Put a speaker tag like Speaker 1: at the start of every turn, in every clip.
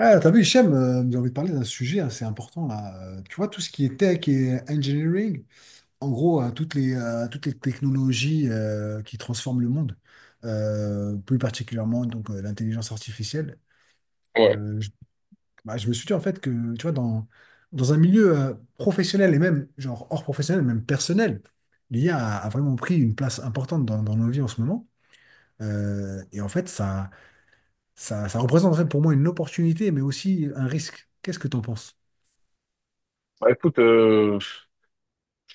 Speaker 1: Ah, t'as vu, Hichem, nous envie de parler d'un sujet assez important là. Tu vois, tout ce qui est tech et engineering, en gros, toutes les technologies qui transforment le monde, plus particulièrement donc l'intelligence artificielle.
Speaker 2: Ouais.
Speaker 1: Euh, je, je me suis dit en fait que, tu vois, dans un milieu professionnel et même genre hors professionnel, même personnel, l'IA a vraiment pris une place importante dans nos vies en ce moment. Et en fait, ça représenterait pour moi une opportunité, mais aussi un risque. Qu'est-ce que t'en penses?
Speaker 2: Écoute, je,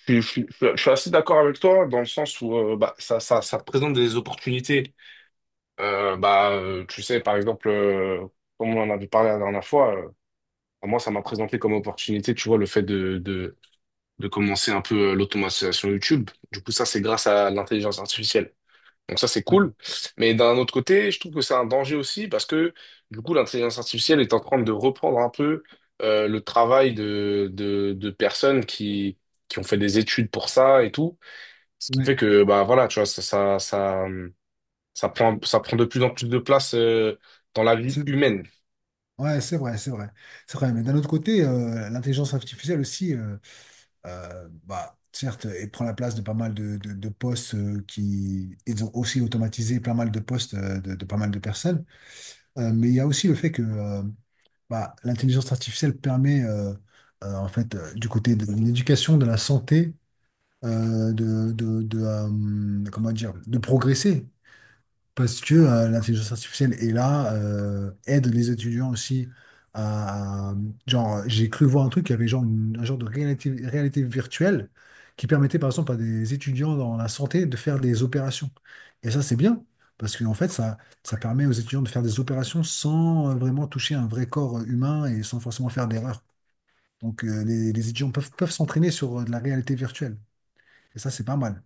Speaker 2: suis je suis- je suis assez d'accord avec toi dans le sens où ça présente des opportunités. Tu sais, par exemple, comme on en avait parlé la dernière fois, moi, ça m'a présenté comme opportunité, tu vois, le fait de commencer un peu l'automatisation YouTube. Du coup, ça, c'est grâce à l'intelligence artificielle. Donc ça, c'est
Speaker 1: Ouais,
Speaker 2: cool. Mais d'un autre côté, je trouve que c'est un danger aussi parce que du coup, l'intelligence artificielle est en train de reprendre un peu le travail de personnes qui ont fait des études pour ça et tout. Ce qui
Speaker 1: ouais,
Speaker 2: fait que, bah voilà, tu vois, ça prend de plus en plus de place dans la vie
Speaker 1: c'est
Speaker 2: humaine.
Speaker 1: ouais, c'est vrai, c'est vrai. C'est vrai, mais d'un autre côté, l'intelligence artificielle aussi, bah, certes, elle prend la place de pas mal de postes qui... Ils ont aussi automatisé pas mal de postes de pas mal de personnes. Mais il y a aussi le fait que bah, l'intelligence artificielle permet, en fait, du côté de l'éducation, de la santé, comment dire, de progresser. Parce que l'intelligence artificielle est là, aide les étudiants aussi à... Genre, j'ai cru voir un truc, il y avait genre un genre de réalité virtuelle qui permettait par exemple à des étudiants dans la santé de faire des opérations. Et ça, c'est bien, parce qu'en fait, ça permet aux étudiants de faire des opérations sans vraiment toucher un vrai corps humain et sans forcément faire d'erreur. Donc, les étudiants peuvent s'entraîner sur de la réalité virtuelle. Et ça, c'est pas mal.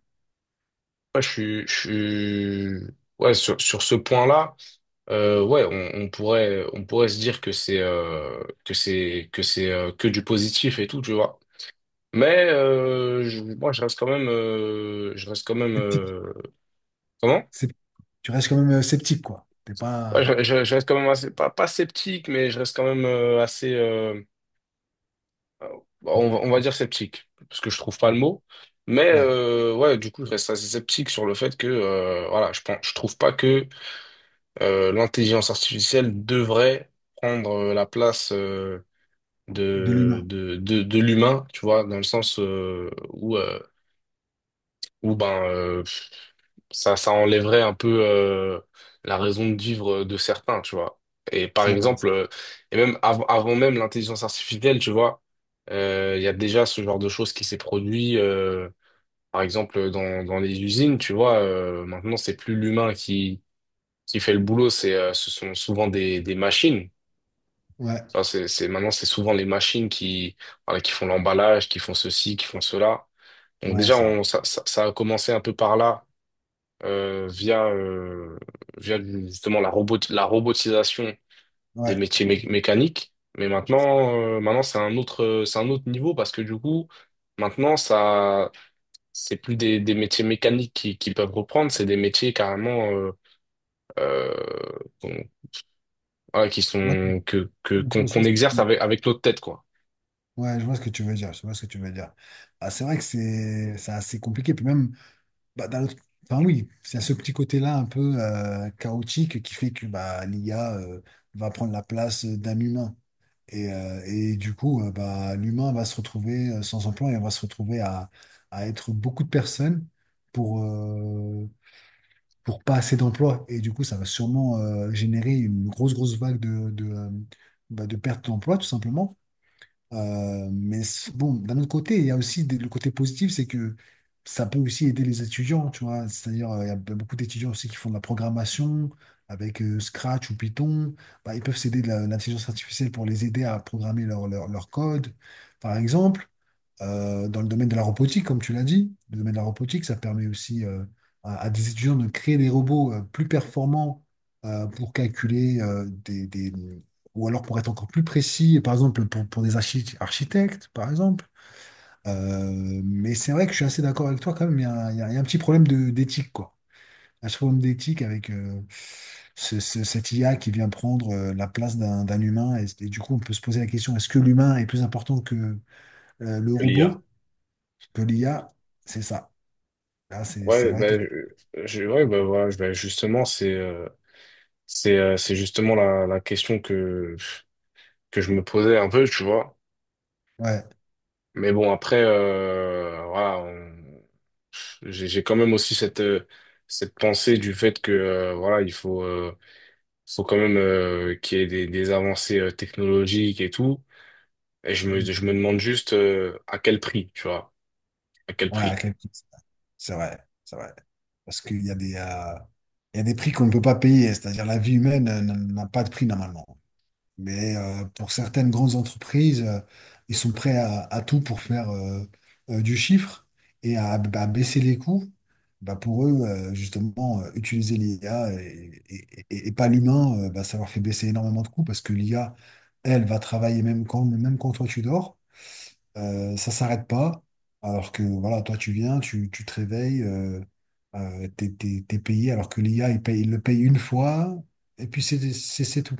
Speaker 2: Ouais, je suis, je suis... Ouais, sur ce point-là, ouais, on pourrait se dire que c'est que du positif et tout, tu vois. Mais moi, je reste quand même, je reste quand même,
Speaker 1: Sceptique.
Speaker 2: comment?
Speaker 1: C'est- Tu restes quand même sceptique, quoi. T'es
Speaker 2: Ouais,
Speaker 1: pas...
Speaker 2: je reste quand même assez, pas sceptique, mais je reste quand même assez, euh, on va dire sceptique, parce que je trouve pas le mot. Mais
Speaker 1: Ouais,
Speaker 2: ouais, du coup, je reste assez sceptique sur le fait que, voilà, je pense, je trouve pas que l'intelligence artificielle devrait prendre la place
Speaker 1: de l'humain,
Speaker 2: de l'humain, tu vois, dans le sens où ou ben ça enlèverait un peu la raison de vivre de certains, tu vois. Et par
Speaker 1: c'est vrai.
Speaker 2: exemple, et même avant même l'intelligence artificielle, tu vois, il y a déjà ce genre de choses qui s'est produit, par exemple dans, dans les usines, tu vois, maintenant c'est plus l'humain qui fait le boulot, c'est, ce sont souvent des machines.
Speaker 1: Ouais,
Speaker 2: Enfin, maintenant c'est souvent les machines qui, voilà, qui font l'emballage, qui font ceci, qui font cela. Donc
Speaker 1: ouais,
Speaker 2: déjà,
Speaker 1: c'est vrai.
Speaker 2: ça a commencé un peu par là via, via justement la robotisation des
Speaker 1: Ouais,
Speaker 2: métiers mécaniques. Mais maintenant, maintenant c'est un autre niveau parce que du coup, maintenant, ça, c'est plus des métiers mécaniques qui peuvent reprendre, c'est des métiers carrément euh, qu'on- voilà, qui
Speaker 1: ouais,
Speaker 2: sont que,
Speaker 1: je
Speaker 2: qu'on,
Speaker 1: vois
Speaker 2: qu'on
Speaker 1: ce que tu veux
Speaker 2: exerce
Speaker 1: dire.
Speaker 2: avec, avec notre tête, quoi,
Speaker 1: Ouais, je vois ce que tu veux dire. Je vois ce que tu veux dire. Ah, c'est vrai que c'est assez compliqué. Puis même, bah, enfin oui, c'est ce petit côté-là un peu chaotique qui fait que bah, l'IA va prendre la place d'un humain. Et du coup, bah, l'humain va se retrouver sans emploi et on va se retrouver à être beaucoup de personnes pour, euh, pour pas assez d'emplois. Et du coup, ça va sûrement générer une grosse, grosse vague bah, de perte d'emplois, tout simplement. Mais bon, d'un autre côté, il y a aussi le côté positif, c'est que ça peut aussi aider les étudiants, tu vois. C'est-à-dire, il y a beaucoup d'étudiants aussi qui font de la programmation avec Scratch ou Python. Bah, ils peuvent s'aider l'intelligence artificielle pour les aider à programmer leur code, par exemple dans le domaine de la robotique, comme tu l'as dit. Le domaine de la robotique, ça permet aussi à des étudiants de créer des robots plus performants pour calculer ou alors pour être encore plus précis, par exemple pour des architectes, par exemple. Mais c'est vrai que je suis assez d'accord avec toi quand même, il y a, un il y a un petit problème d'éthique, quoi. Un petit problème d'éthique avec cette IA qui vient prendre la place d'un humain. Et du coup, on peut se poser la question, est-ce que l'humain est plus important que le
Speaker 2: que l'IA.
Speaker 1: robot? Que l'IA, c'est ça. Là, c'est
Speaker 2: Ouais,
Speaker 1: vrai que...
Speaker 2: ben, ouais, voilà, ben, justement, c'est justement la, la question que je me posais un peu, tu vois.
Speaker 1: Ouais.
Speaker 2: Mais bon, après, voilà, j'ai quand même aussi cette, cette pensée du fait que, voilà, il faut, faut quand même qu'il y ait des avancées technologiques et tout. Et
Speaker 1: Mm.
Speaker 2: je me demande juste à quel prix, tu vois, à quel
Speaker 1: Ouais, à
Speaker 2: prix.
Speaker 1: quel prix, c'est vrai, c'est vrai. C'est vrai. Parce qu'il y a des prix qu'on ne peut pas payer, c'est-à-dire la vie humaine n'a pas de prix normalement. Mais pour certaines grandes entreprises, ils sont prêts à tout pour faire du chiffre et à, bah, baisser les coûts. Bah, pour eux, justement, utiliser l'IA et pas l'humain, bah, ça leur fait baisser énormément de coûts parce que l'IA, elle, va travailler même quand toi tu dors. Ça s'arrête pas. Alors que voilà, toi tu viens, tu te réveilles, t'es payé, alors que l'IA, il le paye une fois, et puis c'est tout.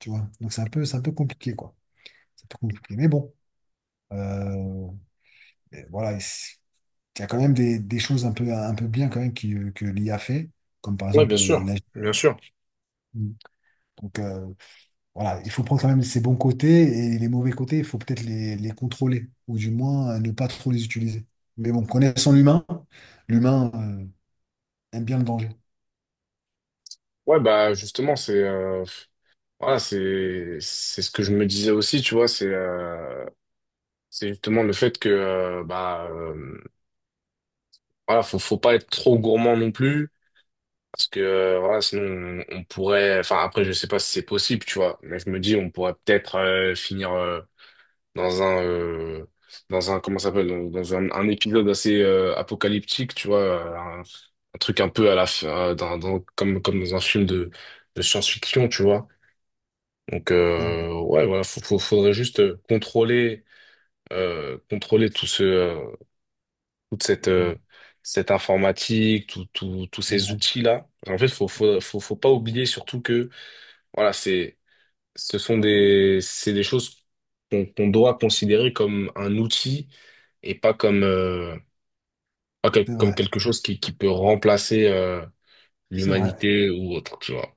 Speaker 1: Tu vois? Donc c'est un peu compliqué, quoi. C'est un peu compliqué. Mais bon, euh, et voilà, il y a quand même des choses un peu bien quand même que l'IA fait, comme par
Speaker 2: Ouais, bien
Speaker 1: exemple
Speaker 2: sûr,
Speaker 1: la...
Speaker 2: bien sûr.
Speaker 1: Donc voilà, il faut prendre quand même ses bons côtés et les mauvais côtés, il faut peut-être les contrôler, ou du moins ne pas trop les utiliser. Mais bon, connaissant l'humain, l'humain aime bien le danger.
Speaker 2: Ouais, bah justement, c'est voilà, c'est ce que je me disais aussi, tu vois, c'est justement le fait que voilà, faut pas être trop gourmand non plus. Parce que voilà, sinon on pourrait. Enfin après, je sais pas si c'est possible, tu vois. Mais je me dis, on pourrait peut-être finir dans un euh, dans un comment ça s'appelle dans, dans un épisode assez apocalyptique, tu vois, un truc un peu à la fin, comme comme dans un film de science-fiction, tu vois. Donc
Speaker 1: C'est vrai.
Speaker 2: ouais, voilà, faudrait juste contrôler contrôler tout ce toute cette cette informatique, tous ces
Speaker 1: Ouais,
Speaker 2: outils-là. En fait, faut pas oublier surtout que voilà, ce sont des, c'est des choses qu'on doit considérer comme un outil et pas comme, pas quel-
Speaker 1: c'est
Speaker 2: comme
Speaker 1: vrai.
Speaker 2: quelque chose qui peut remplacer,
Speaker 1: C'est vrai.
Speaker 2: l'humanité ou autre, tu vois.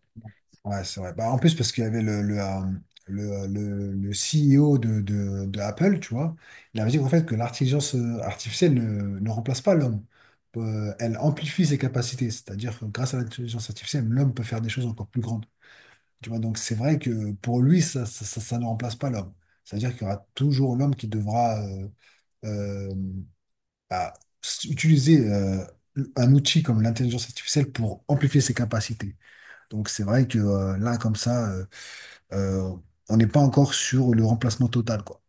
Speaker 1: Ouais, c'est vrai. Bah, en plus, parce qu'il y avait le CEO de Apple, tu vois, il avait dit qu'en fait que l'intelligence artificielle ne remplace pas l'homme. Elle amplifie ses capacités, c'est-à-dire que grâce à l'intelligence artificielle, l'homme peut faire des choses encore plus grandes. Tu vois, donc c'est vrai que pour lui, ça ne remplace pas l'homme. C'est-à-dire qu'il y aura toujours l'homme qui devra euh, bah, utiliser un outil comme l'intelligence artificielle pour amplifier ses capacités. Donc c'est vrai que là, comme ça, euh, on n'est pas encore sur le remplacement total, quoi.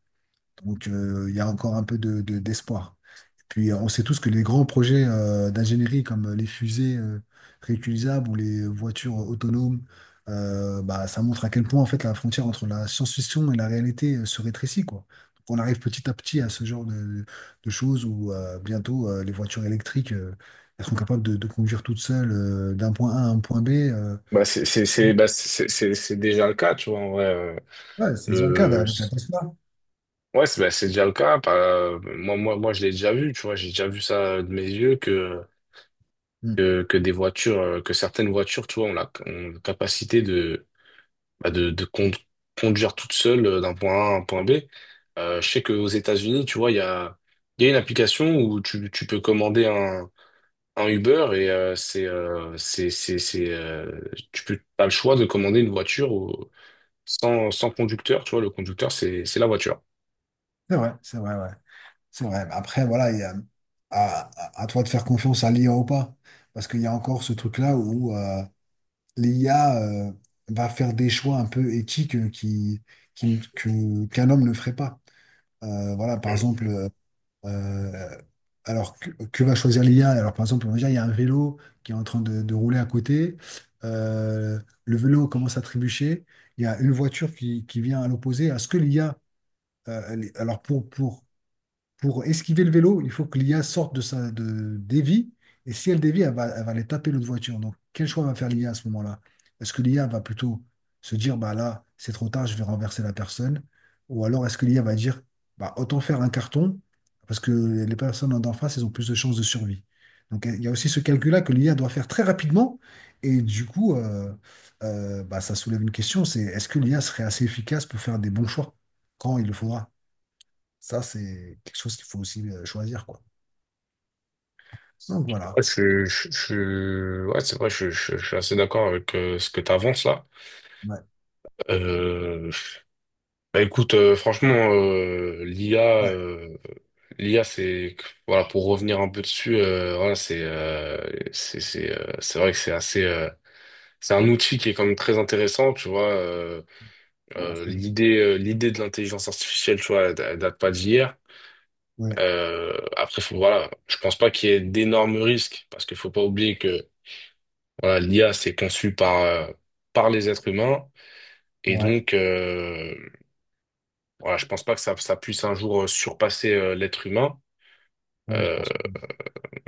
Speaker 1: Donc, il y a encore un peu d'espoir. Et puis, on sait tous que les grands projets d'ingénierie, comme les fusées réutilisables ou les voitures autonomes, bah, ça montre à quel point, en fait, la frontière entre la science-fiction et la réalité se rétrécit, quoi. Donc, on arrive petit à petit à ce genre de choses où bientôt, les voitures électriques, elles sont capables de conduire toutes seules d'un point A à un point B.
Speaker 2: Bah, c'est déjà le cas, tu vois, en vrai.
Speaker 1: Ouais, c'est déjà un cas
Speaker 2: Le,
Speaker 1: avec la Tesla.
Speaker 2: ouais, c'est déjà le cas. Moi, je l'ai déjà vu, tu vois, j'ai déjà vu ça de mes yeux
Speaker 1: Mm.
Speaker 2: que des voitures, que certaines voitures, tu vois, ont la capacité de bah, de, de con- conduire toute seule d'un point A à un point B. Je sais qu'aux États-Unis, tu vois, il y a une application où tu peux commander un Uber et tu peux, t'as le choix de commander une voiture sans conducteur. Tu vois, le conducteur, c'est la voiture.
Speaker 1: C'est vrai, ouais. C'est vrai. Après, voilà, il y a, à toi de faire confiance à l'IA ou pas. Parce qu'il y a encore ce truc-là où l'IA va faire des choix un peu éthiques qu'un homme ne ferait pas. Voilà, par
Speaker 2: Mm.
Speaker 1: exemple, euh, alors que va choisir l'IA? Alors, par exemple, on va dire, il y a un vélo qui est en train de rouler à côté. Euh, le vélo commence à trébucher. Il y a une voiture qui vient à l'opposé. Est-ce que l'IA. Alors, pour, pour esquiver le vélo, il faut que l'IA sorte de sa de, dévie. Et si elle dévie, elle va aller taper l'autre voiture. Donc, quel choix va faire l'IA à ce moment-là? Est-ce que l'IA va plutôt se dire, bah là, c'est trop tard, je vais renverser la personne? Ou alors, est-ce que l'IA va dire, bah autant faire un carton, parce que les personnes en face, elles ont plus de chances de survie. Donc, il y a aussi ce calcul-là que l'IA doit faire très rapidement. Et du coup, bah, ça soulève une question, c'est est-ce que l'IA serait assez efficace pour faire des bons choix quand il le faudra? Ça, c'est quelque chose qu'il faut aussi choisir, quoi. Donc voilà.
Speaker 2: Ouais, ouais, c'est vrai, je suis assez d'accord avec ce que tu avances là.
Speaker 1: Ouais,
Speaker 2: Bah écoute, franchement, l'IA,
Speaker 1: ouais,
Speaker 2: l'IA, c'est voilà pour revenir un peu dessus, voilà, c'est vrai que c'est assez, c'est un outil qui est quand même très intéressant, tu vois.
Speaker 1: ouais, c'est bon.
Speaker 2: L'idée de l'intelligence artificielle, tu vois, elle, elle date pas d'hier.
Speaker 1: Ouais,
Speaker 2: Après, faut, voilà, je pense pas qu'il y ait d'énormes risques parce qu'il faut pas oublier que voilà, l'IA c'est conçu par par les êtres humains et
Speaker 1: ouais,
Speaker 2: donc voilà, je pense pas que ça puisse un jour surpasser l'être humain,
Speaker 1: ouais, je
Speaker 2: euh,
Speaker 1: pense que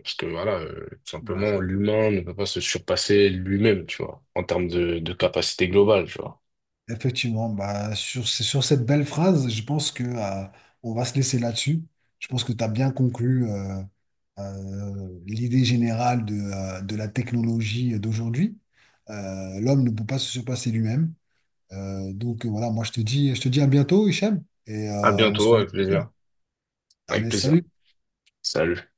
Speaker 2: parce que voilà, tout
Speaker 1: ouais,
Speaker 2: simplement, l'humain ne peut pas se surpasser lui-même, tu vois, en termes de capacité globale, tu vois.
Speaker 1: effectivement, bah, c'est sur cette belle phrase, je pense que on va se laisser là-dessus. Je pense que tu as bien conclu l'idée générale de la technologie d'aujourd'hui. L'homme ne peut pas se surpasser lui-même. Donc, voilà, moi je te dis à bientôt, Hichem, et
Speaker 2: À
Speaker 1: on se
Speaker 2: bientôt, avec
Speaker 1: retrouve.
Speaker 2: plaisir. Avec
Speaker 1: Allez,
Speaker 2: plaisir.
Speaker 1: salut!
Speaker 2: Salut.